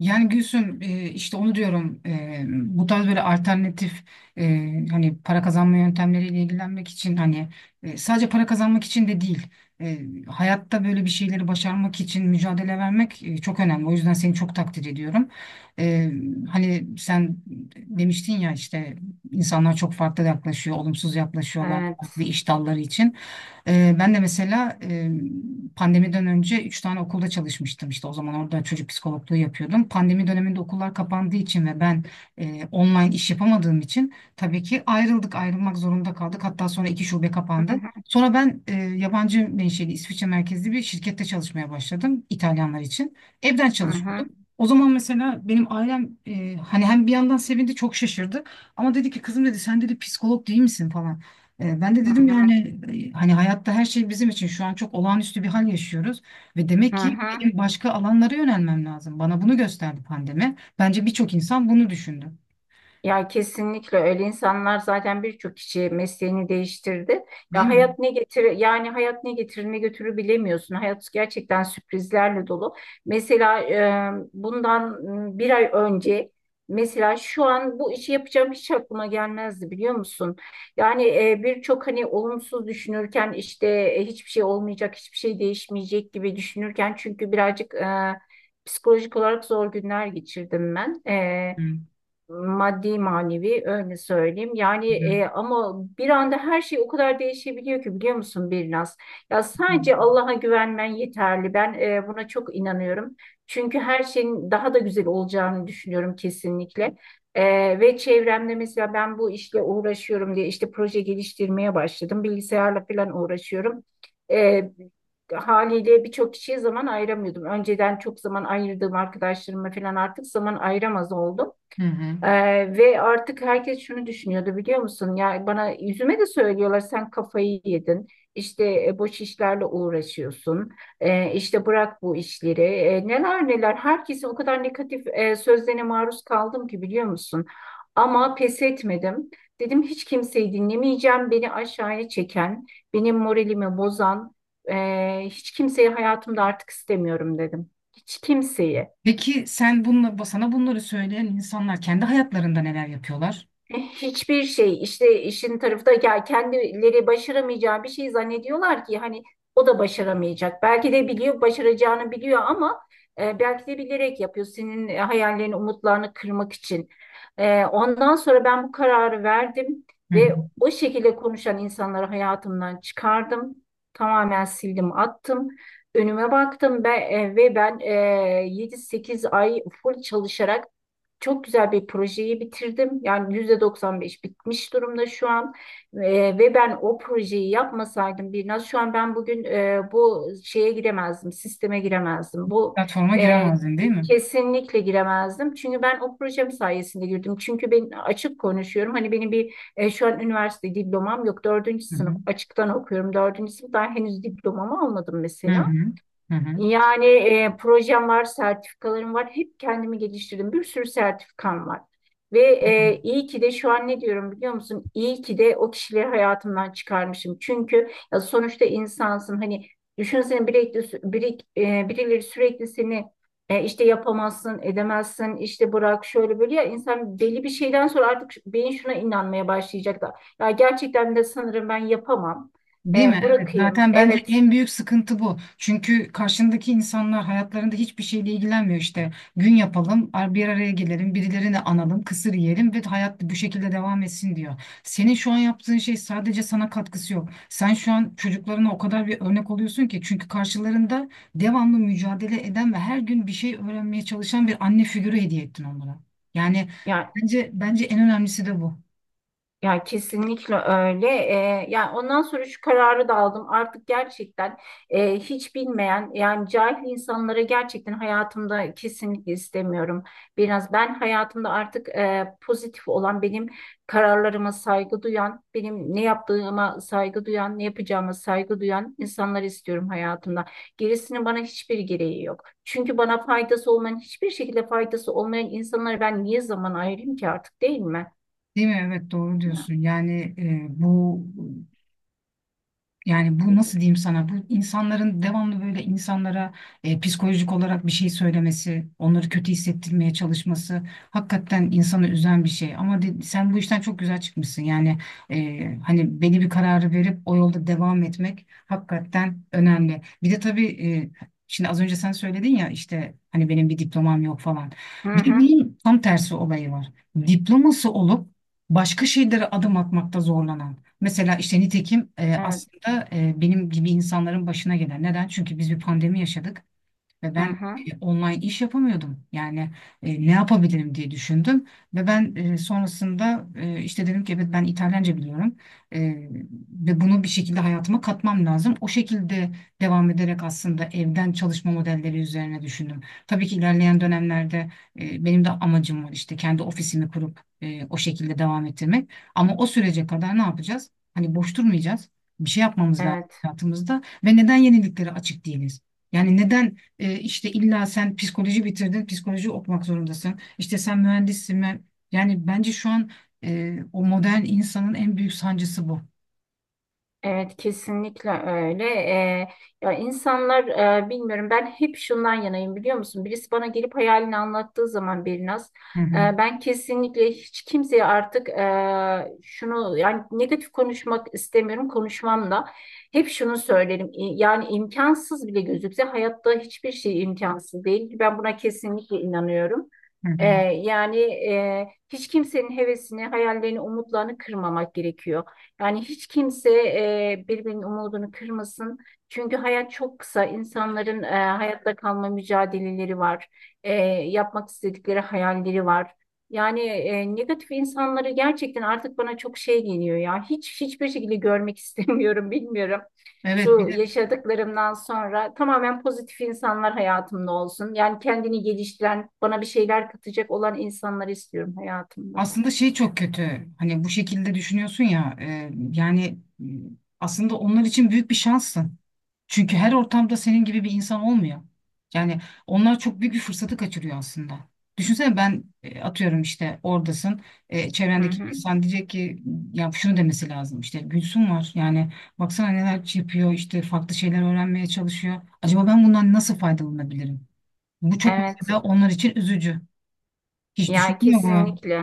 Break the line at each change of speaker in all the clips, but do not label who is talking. Yani Gülsüm işte onu diyorum bu tarz böyle alternatif e, hani para kazanma yöntemleriyle ilgilenmek için hani sadece para kazanmak için de değil e, hayatta böyle bir şeyleri başarmak için mücadele vermek çok önemli. O yüzden seni çok takdir ediyorum. E, hani sen demiştin ya işte insanlar çok farklı yaklaşıyor, olumsuz yaklaşıyorlar farklı
Evet.
iş dalları için. Ben de mesela pandemiden önce üç tane okulda çalışmıştım. İşte o zaman orada çocuk psikologluğu yapıyordum. Pandemi döneminde okullar kapandığı için ve ben online iş yapamadığım için tabii ki ayrıldık, ayrılmak zorunda kaldık. Hatta sonra iki şube
Hı
kapandı.
hı
Sonra ben yabancı menşeli İsviçre merkezli bir şirkette çalışmaya başladım İtalyanlar için. Evden
hı
çalışıyordum.
hı
O zaman mesela benim ailem hani hem bir yandan sevindi çok şaşırdı ama dedi ki kızım dedi sen dedi psikolog değil misin falan. Ben de
hı
dedim
hı.
yani hani hayatta her şey bizim için şu an çok olağanüstü bir hal yaşıyoruz ve demek
hı.
ki
hı.
benim başka alanlara yönelmem lazım. Bana bunu gösterdi pandemi. Bence birçok insan bunu düşündü.
Ya kesinlikle öyle, insanlar zaten birçok kişi mesleğini değiştirdi.
Değil
Ya
mi?
hayat ne getir yani hayat ne getirir ne götürür bilemiyorsun. Hayat gerçekten sürprizlerle dolu. Mesela bundan bir ay önce mesela şu an bu işi yapacağım hiç aklıma gelmezdi, biliyor musun? Yani birçok hani olumsuz düşünürken, işte hiçbir şey olmayacak, hiçbir şey değişmeyecek gibi düşünürken, çünkü birazcık psikolojik olarak zor günler geçirdim ben.
Hı hı.
Maddi manevi öyle söyleyeyim. Yani ama bir anda her şey o kadar değişebiliyor ki, biliyor musun Birnaz? Ya sadece Allah'a güvenmen yeterli. Ben buna çok inanıyorum. Çünkü her şeyin daha da güzel olacağını düşünüyorum kesinlikle. E, Ve çevremde mesela ben bu işle uğraşıyorum diye işte proje geliştirmeye başladım. Bilgisayarla falan uğraşıyorum. E, Haliyle birçok kişiye zaman ayıramıyordum. Önceden çok zaman ayırdığım arkadaşlarıma falan artık zaman ayıramaz oldum.
Hı hı. Hı.
Ee, Ve artık herkes şunu düşünüyordu, biliyor musun? Ya bana, yüzüme de söylüyorlar, sen kafayı yedin. İşte boş işlerle uğraşıyorsun. İşte bırak bu işleri. Neler neler, herkese o kadar negatif sözlerine maruz kaldım ki, biliyor musun? Ama pes etmedim. Dedim, hiç kimseyi dinlemeyeceğim. Beni aşağıya çeken, benim moralimi bozan e, hiç kimseyi hayatımda artık istemiyorum dedim. Hiç kimseyi.
Peki sen bunla, sana bunları söyleyen insanlar kendi hayatlarında neler yapıyorlar?
Hiçbir şey, işte işin tarafı da, ya kendileri başaramayacağı bir şey zannediyorlar ki hani o da başaramayacak. Belki de biliyor, başaracağını biliyor ama belki de bilerek yapıyor, senin hayallerini, umutlarını kırmak için. Ondan sonra ben bu kararı verdim
Hı hı.
ve o şekilde konuşan insanları hayatımdan çıkardım. Tamamen sildim attım. Önüme baktım ben, 7-8 ay full çalışarak çok güzel bir projeyi bitirdim. Yani %95 bitmiş durumda şu an. Ve ben o projeyi yapmasaydım, biraz şu an ben bugün bu şeye giremezdim, sisteme giremezdim.
Platforma
E,
giremezdin değil mi?
Kesinlikle giremezdim. Çünkü ben o projem sayesinde girdim. Çünkü ben açık konuşuyorum. Hani benim bir şu an üniversite diplomam yok. Dördüncü
Hı
sınıf
hı.
açıktan okuyorum. Dördüncü sınıf, daha henüz diplomamı almadım
Hı
mesela.
hı. Hı
Yani projem var, sertifikalarım var. Hep kendimi geliştirdim. Bir sürü sertifikam var. Ve
hı.
iyi ki de şu an ne diyorum, biliyor musun? İyi ki de o kişileri hayatımdan çıkarmışım. Çünkü ya sonuçta insansın. Hani düşünsene, birileri sürekli seni işte yapamazsın, edemezsin, işte bırak şöyle böyle, ya insan belli bir şeyden sonra artık beyin şuna inanmaya başlayacak da. Ya gerçekten de sanırım ben yapamam.
Değil mi? Evet.
Bırakayım.
Zaten bence
Evet.
en büyük sıkıntı bu. Çünkü karşındaki insanlar hayatlarında hiçbir şeyle ilgilenmiyor işte. Gün yapalım, bir araya gelelim, birilerini analım, kısır yiyelim ve hayat bu şekilde devam etsin diyor. Senin şu an yaptığın şey sadece sana katkısı yok. Sen şu an çocuklarına o kadar bir örnek oluyorsun ki çünkü karşılarında devamlı mücadele eden ve her gün bir şey öğrenmeye çalışan bir anne figürü hediye ettin onlara. Yani
Yani
bence en önemlisi de bu.
Ya kesinlikle öyle. Yani ondan sonra şu kararı da aldım. Artık gerçekten hiç bilmeyen yani cahil insanlara gerçekten hayatımda kesinlikle istemiyorum. Biraz ben hayatımda artık pozitif olan, benim kararlarıma saygı duyan, benim ne yaptığıma saygı duyan, ne yapacağıma saygı duyan insanları istiyorum hayatımda. Gerisinin bana hiçbir gereği yok. Çünkü bana faydası olmayan, hiçbir şekilde faydası olmayan insanlara ben niye zaman ayırayım ki artık, değil mi?
Değil mi? Evet, doğru
Ya.
diyorsun. Yani e, bu bu nasıl diyeyim sana? Bu insanların devamlı böyle insanlara psikolojik olarak bir şey söylemesi, onları kötü hissettirmeye çalışması hakikaten insanı üzen bir şey. Ama sen bu işten çok güzel çıkmışsın. Yani hani belli bir kararı verip o yolda devam etmek hakikaten önemli. Bir de tabii şimdi az önce sen söyledin ya işte hani benim bir diplomam yok falan.
Hı
Bir de
hı.
bunun tam tersi olayı var. Diploması olup başka şeylere adım atmakta zorlanan. Mesela işte nitekim
Evet.
aslında benim gibi insanların başına gelen. Neden? Çünkü biz bir pandemi yaşadık. Ve
Hı
ben
hı.
online iş yapamıyordum. Yani ne yapabilirim diye düşündüm. Ve ben sonrasında işte dedim ki evet ben İtalyanca biliyorum. E, ve bunu bir şekilde hayatıma katmam lazım. O şekilde devam ederek aslında evden çalışma modelleri üzerine düşündüm. Tabii ki ilerleyen dönemlerde benim de amacım var işte kendi ofisimi kurup o şekilde devam ettirmek. Ama o sürece kadar ne yapacağız? Hani boş durmayacağız. Bir şey yapmamız lazım
Evet.
hayatımızda ve neden yeniliklere açık değiliz? Yani neden işte illa sen psikoloji bitirdin, psikoloji okumak zorundasın. İşte sen mühendissin. Yani bence şu an o modern insanın en büyük sancısı bu.
Evet, kesinlikle öyle. Ya insanlar bilmiyorum, ben hep şundan yanayım, biliyor musun? Birisi bana gelip hayalini anlattığı zaman Birnaz,
Hı hı,
ben kesinlikle hiç kimseye artık şunu, yani negatif konuşmak istemiyorum konuşmamla, hep şunu söylerim. Yani imkansız bile gözükse, hayatta hiçbir şey imkansız değil. Ben buna kesinlikle inanıyorum.
hı
Ee,
hı.
Yani hiç kimsenin hevesini, hayallerini, umutlarını kırmamak gerekiyor. Yani hiç kimse birbirinin umudunu kırmasın. Çünkü hayat çok kısa. İnsanların hayatta kalma mücadeleleri var. E, Yapmak istedikleri hayalleri var. Yani negatif insanları gerçekten artık bana çok şey geliyor ya. Hiçbir şekilde görmek istemiyorum, bilmiyorum.
Evet, bir
Şu
de
yaşadıklarımdan sonra tamamen pozitif insanlar hayatımda olsun. Yani kendini geliştiren, bana bir şeyler katacak olan insanlar istiyorum hayatımda.
aslında şey çok kötü. Hani bu şekilde düşünüyorsun ya yani aslında onlar için büyük bir şanssın. Çünkü her ortamda senin gibi bir insan olmuyor. Yani onlar çok büyük bir fırsatı kaçırıyor aslında. Düşünsene ben atıyorum işte oradasın. E,
Hı
çevrendeki
hı.
insan diyecek ki ya şunu demesi lazım. İşte Gülsüm var. Yani baksana neler yapıyor. İşte farklı şeyler öğrenmeye çalışıyor. Acaba ben bundan nasıl faydalanabilirim? Bu çok
Evet.
mesela onlar için üzücü. Hiç
Yani
düşündün mü bunu?
kesinlikle.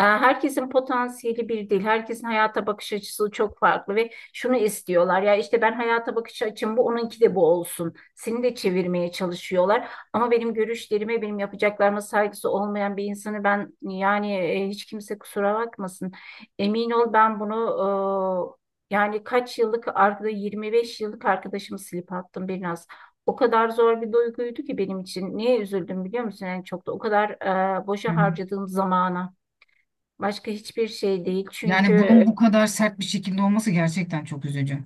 Herkesin potansiyeli bir değil. Herkesin hayata bakış açısı çok farklı ve şunu istiyorlar. Ya işte, ben hayata bakış açım bu, onunki de bu olsun. Seni de çevirmeye çalışıyorlar. Ama benim görüşlerime, benim yapacaklarıma saygısı olmayan bir insanı ben, yani hiç kimse kusura bakmasın. Emin ol, ben bunu yani kaç yıllık arkada 25 yıllık arkadaşımı silip attım biraz. O kadar zor bir duyguydu ki benim için. Niye üzüldüm, biliyor musun? En çok da o kadar
Hı
boşa
hı.
harcadığım zamana. Başka hiçbir şey değil. Çünkü
Yani bunun bu kadar sert bir şekilde olması gerçekten çok üzücü.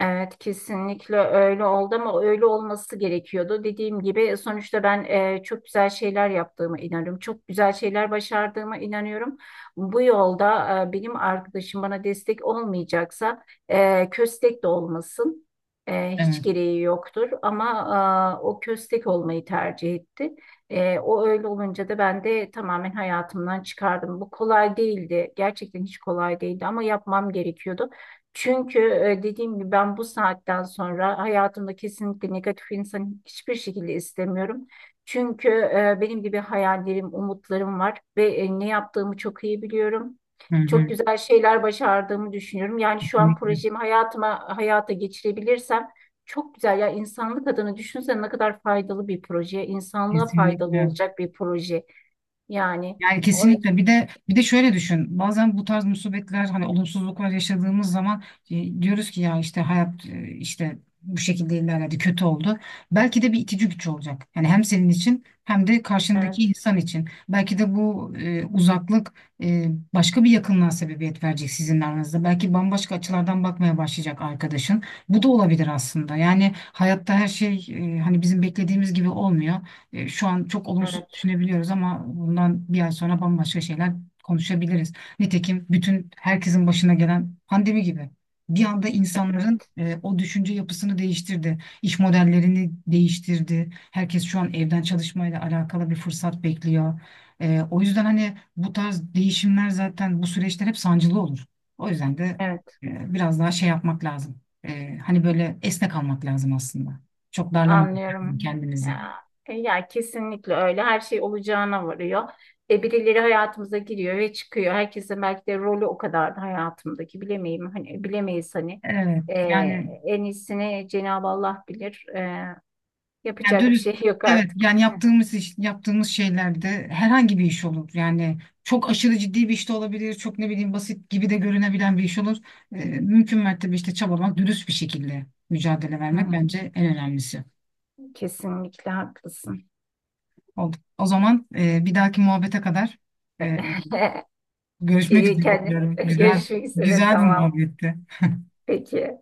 evet, kesinlikle öyle oldu ama öyle olması gerekiyordu. Dediğim gibi, sonuçta ben çok güzel şeyler yaptığıma inanıyorum. Çok güzel şeyler başardığıma inanıyorum. Bu yolda benim arkadaşım bana destek olmayacaksa köstek de olmasın. Hiç
Evet.
gereği yoktur ama o köstek olmayı tercih etti. O öyle olunca da ben de tamamen hayatımdan çıkardım. Bu kolay değildi. Gerçekten hiç kolay değildi ama yapmam gerekiyordu. Çünkü dediğim gibi, ben bu saatten sonra hayatımda kesinlikle negatif insanı hiçbir şekilde istemiyorum. Çünkü benim gibi hayallerim, umutlarım var ve ne yaptığımı çok iyi biliyorum.
Hı hı.
Çok güzel şeyler başardığımı düşünüyorum. Yani şu an
Kesinlikle.
projemi hayata geçirebilirsem çok güzel. Ya insanlık adına düşünsene, ne kadar faydalı bir proje, insanlığa faydalı
Kesinlikle.
olacak bir proje. Yani
Yani
o yüzden
kesinlikle bir de şöyle düşün, bazen bu tarz musibetler hani olumsuzluklar yaşadığımız zaman diyoruz ki ya işte hayat işte bu şekilde ilerledi kötü oldu. Belki de bir itici güç olacak. Yani hem senin için hem de karşındaki
evet,
insan için. Belki de bu uzaklık e, başka bir yakınlığa sebebiyet verecek sizin aranızda. Belki bambaşka açılardan bakmaya başlayacak arkadaşın. Bu da olabilir aslında. Yani hayatta her şey hani bizim beklediğimiz gibi olmuyor. Şu an çok olumsuz
evet,
düşünebiliyoruz ama bundan bir ay sonra bambaşka şeyler konuşabiliriz. Nitekim bütün herkesin başına gelen pandemi gibi. Bir anda insanların
evet,
o düşünce yapısını değiştirdi. İş modellerini değiştirdi. Herkes şu an evden çalışmayla alakalı bir fırsat bekliyor. O yüzden hani bu tarz değişimler zaten bu süreçler hep sancılı olur. O yüzden de
evet.
biraz daha şey yapmak lazım. Hani böyle esnek almak lazım aslında. Çok darlamamak
Anlıyorum.
lazım kendimizi.
Ya, ya kesinlikle öyle. Her şey olacağına varıyor. Birileri hayatımıza giriyor ve çıkıyor. Herkesin belki de rolü o kadardı hayatımdaki. Bilemeyim hani, bilemeyiz hani.
Evet
E,
yani
En iyisini Cenab-ı Allah bilir.
yani
Yapacak bir
dürüst
şey yok
evet
artık.
yani yaptığımız iş, yaptığımız şeylerde herhangi bir iş olur. Yani çok aşırı ciddi bir iş de olabilir. Çok ne bileyim basit gibi de görünebilen bir iş olur. Mümkün mertebe işte çabalamak, dürüst bir şekilde mücadele vermek
Hı,
bence en önemlisi.
kesinlikle haklısın.
Oldu. O zaman bir dahaki muhabbete kadar e, görüşmek üzere
Kendi
diyorum. Güzel
görüşmek üzere.
güzel bir
Tamam.
muhabbetti.
Peki.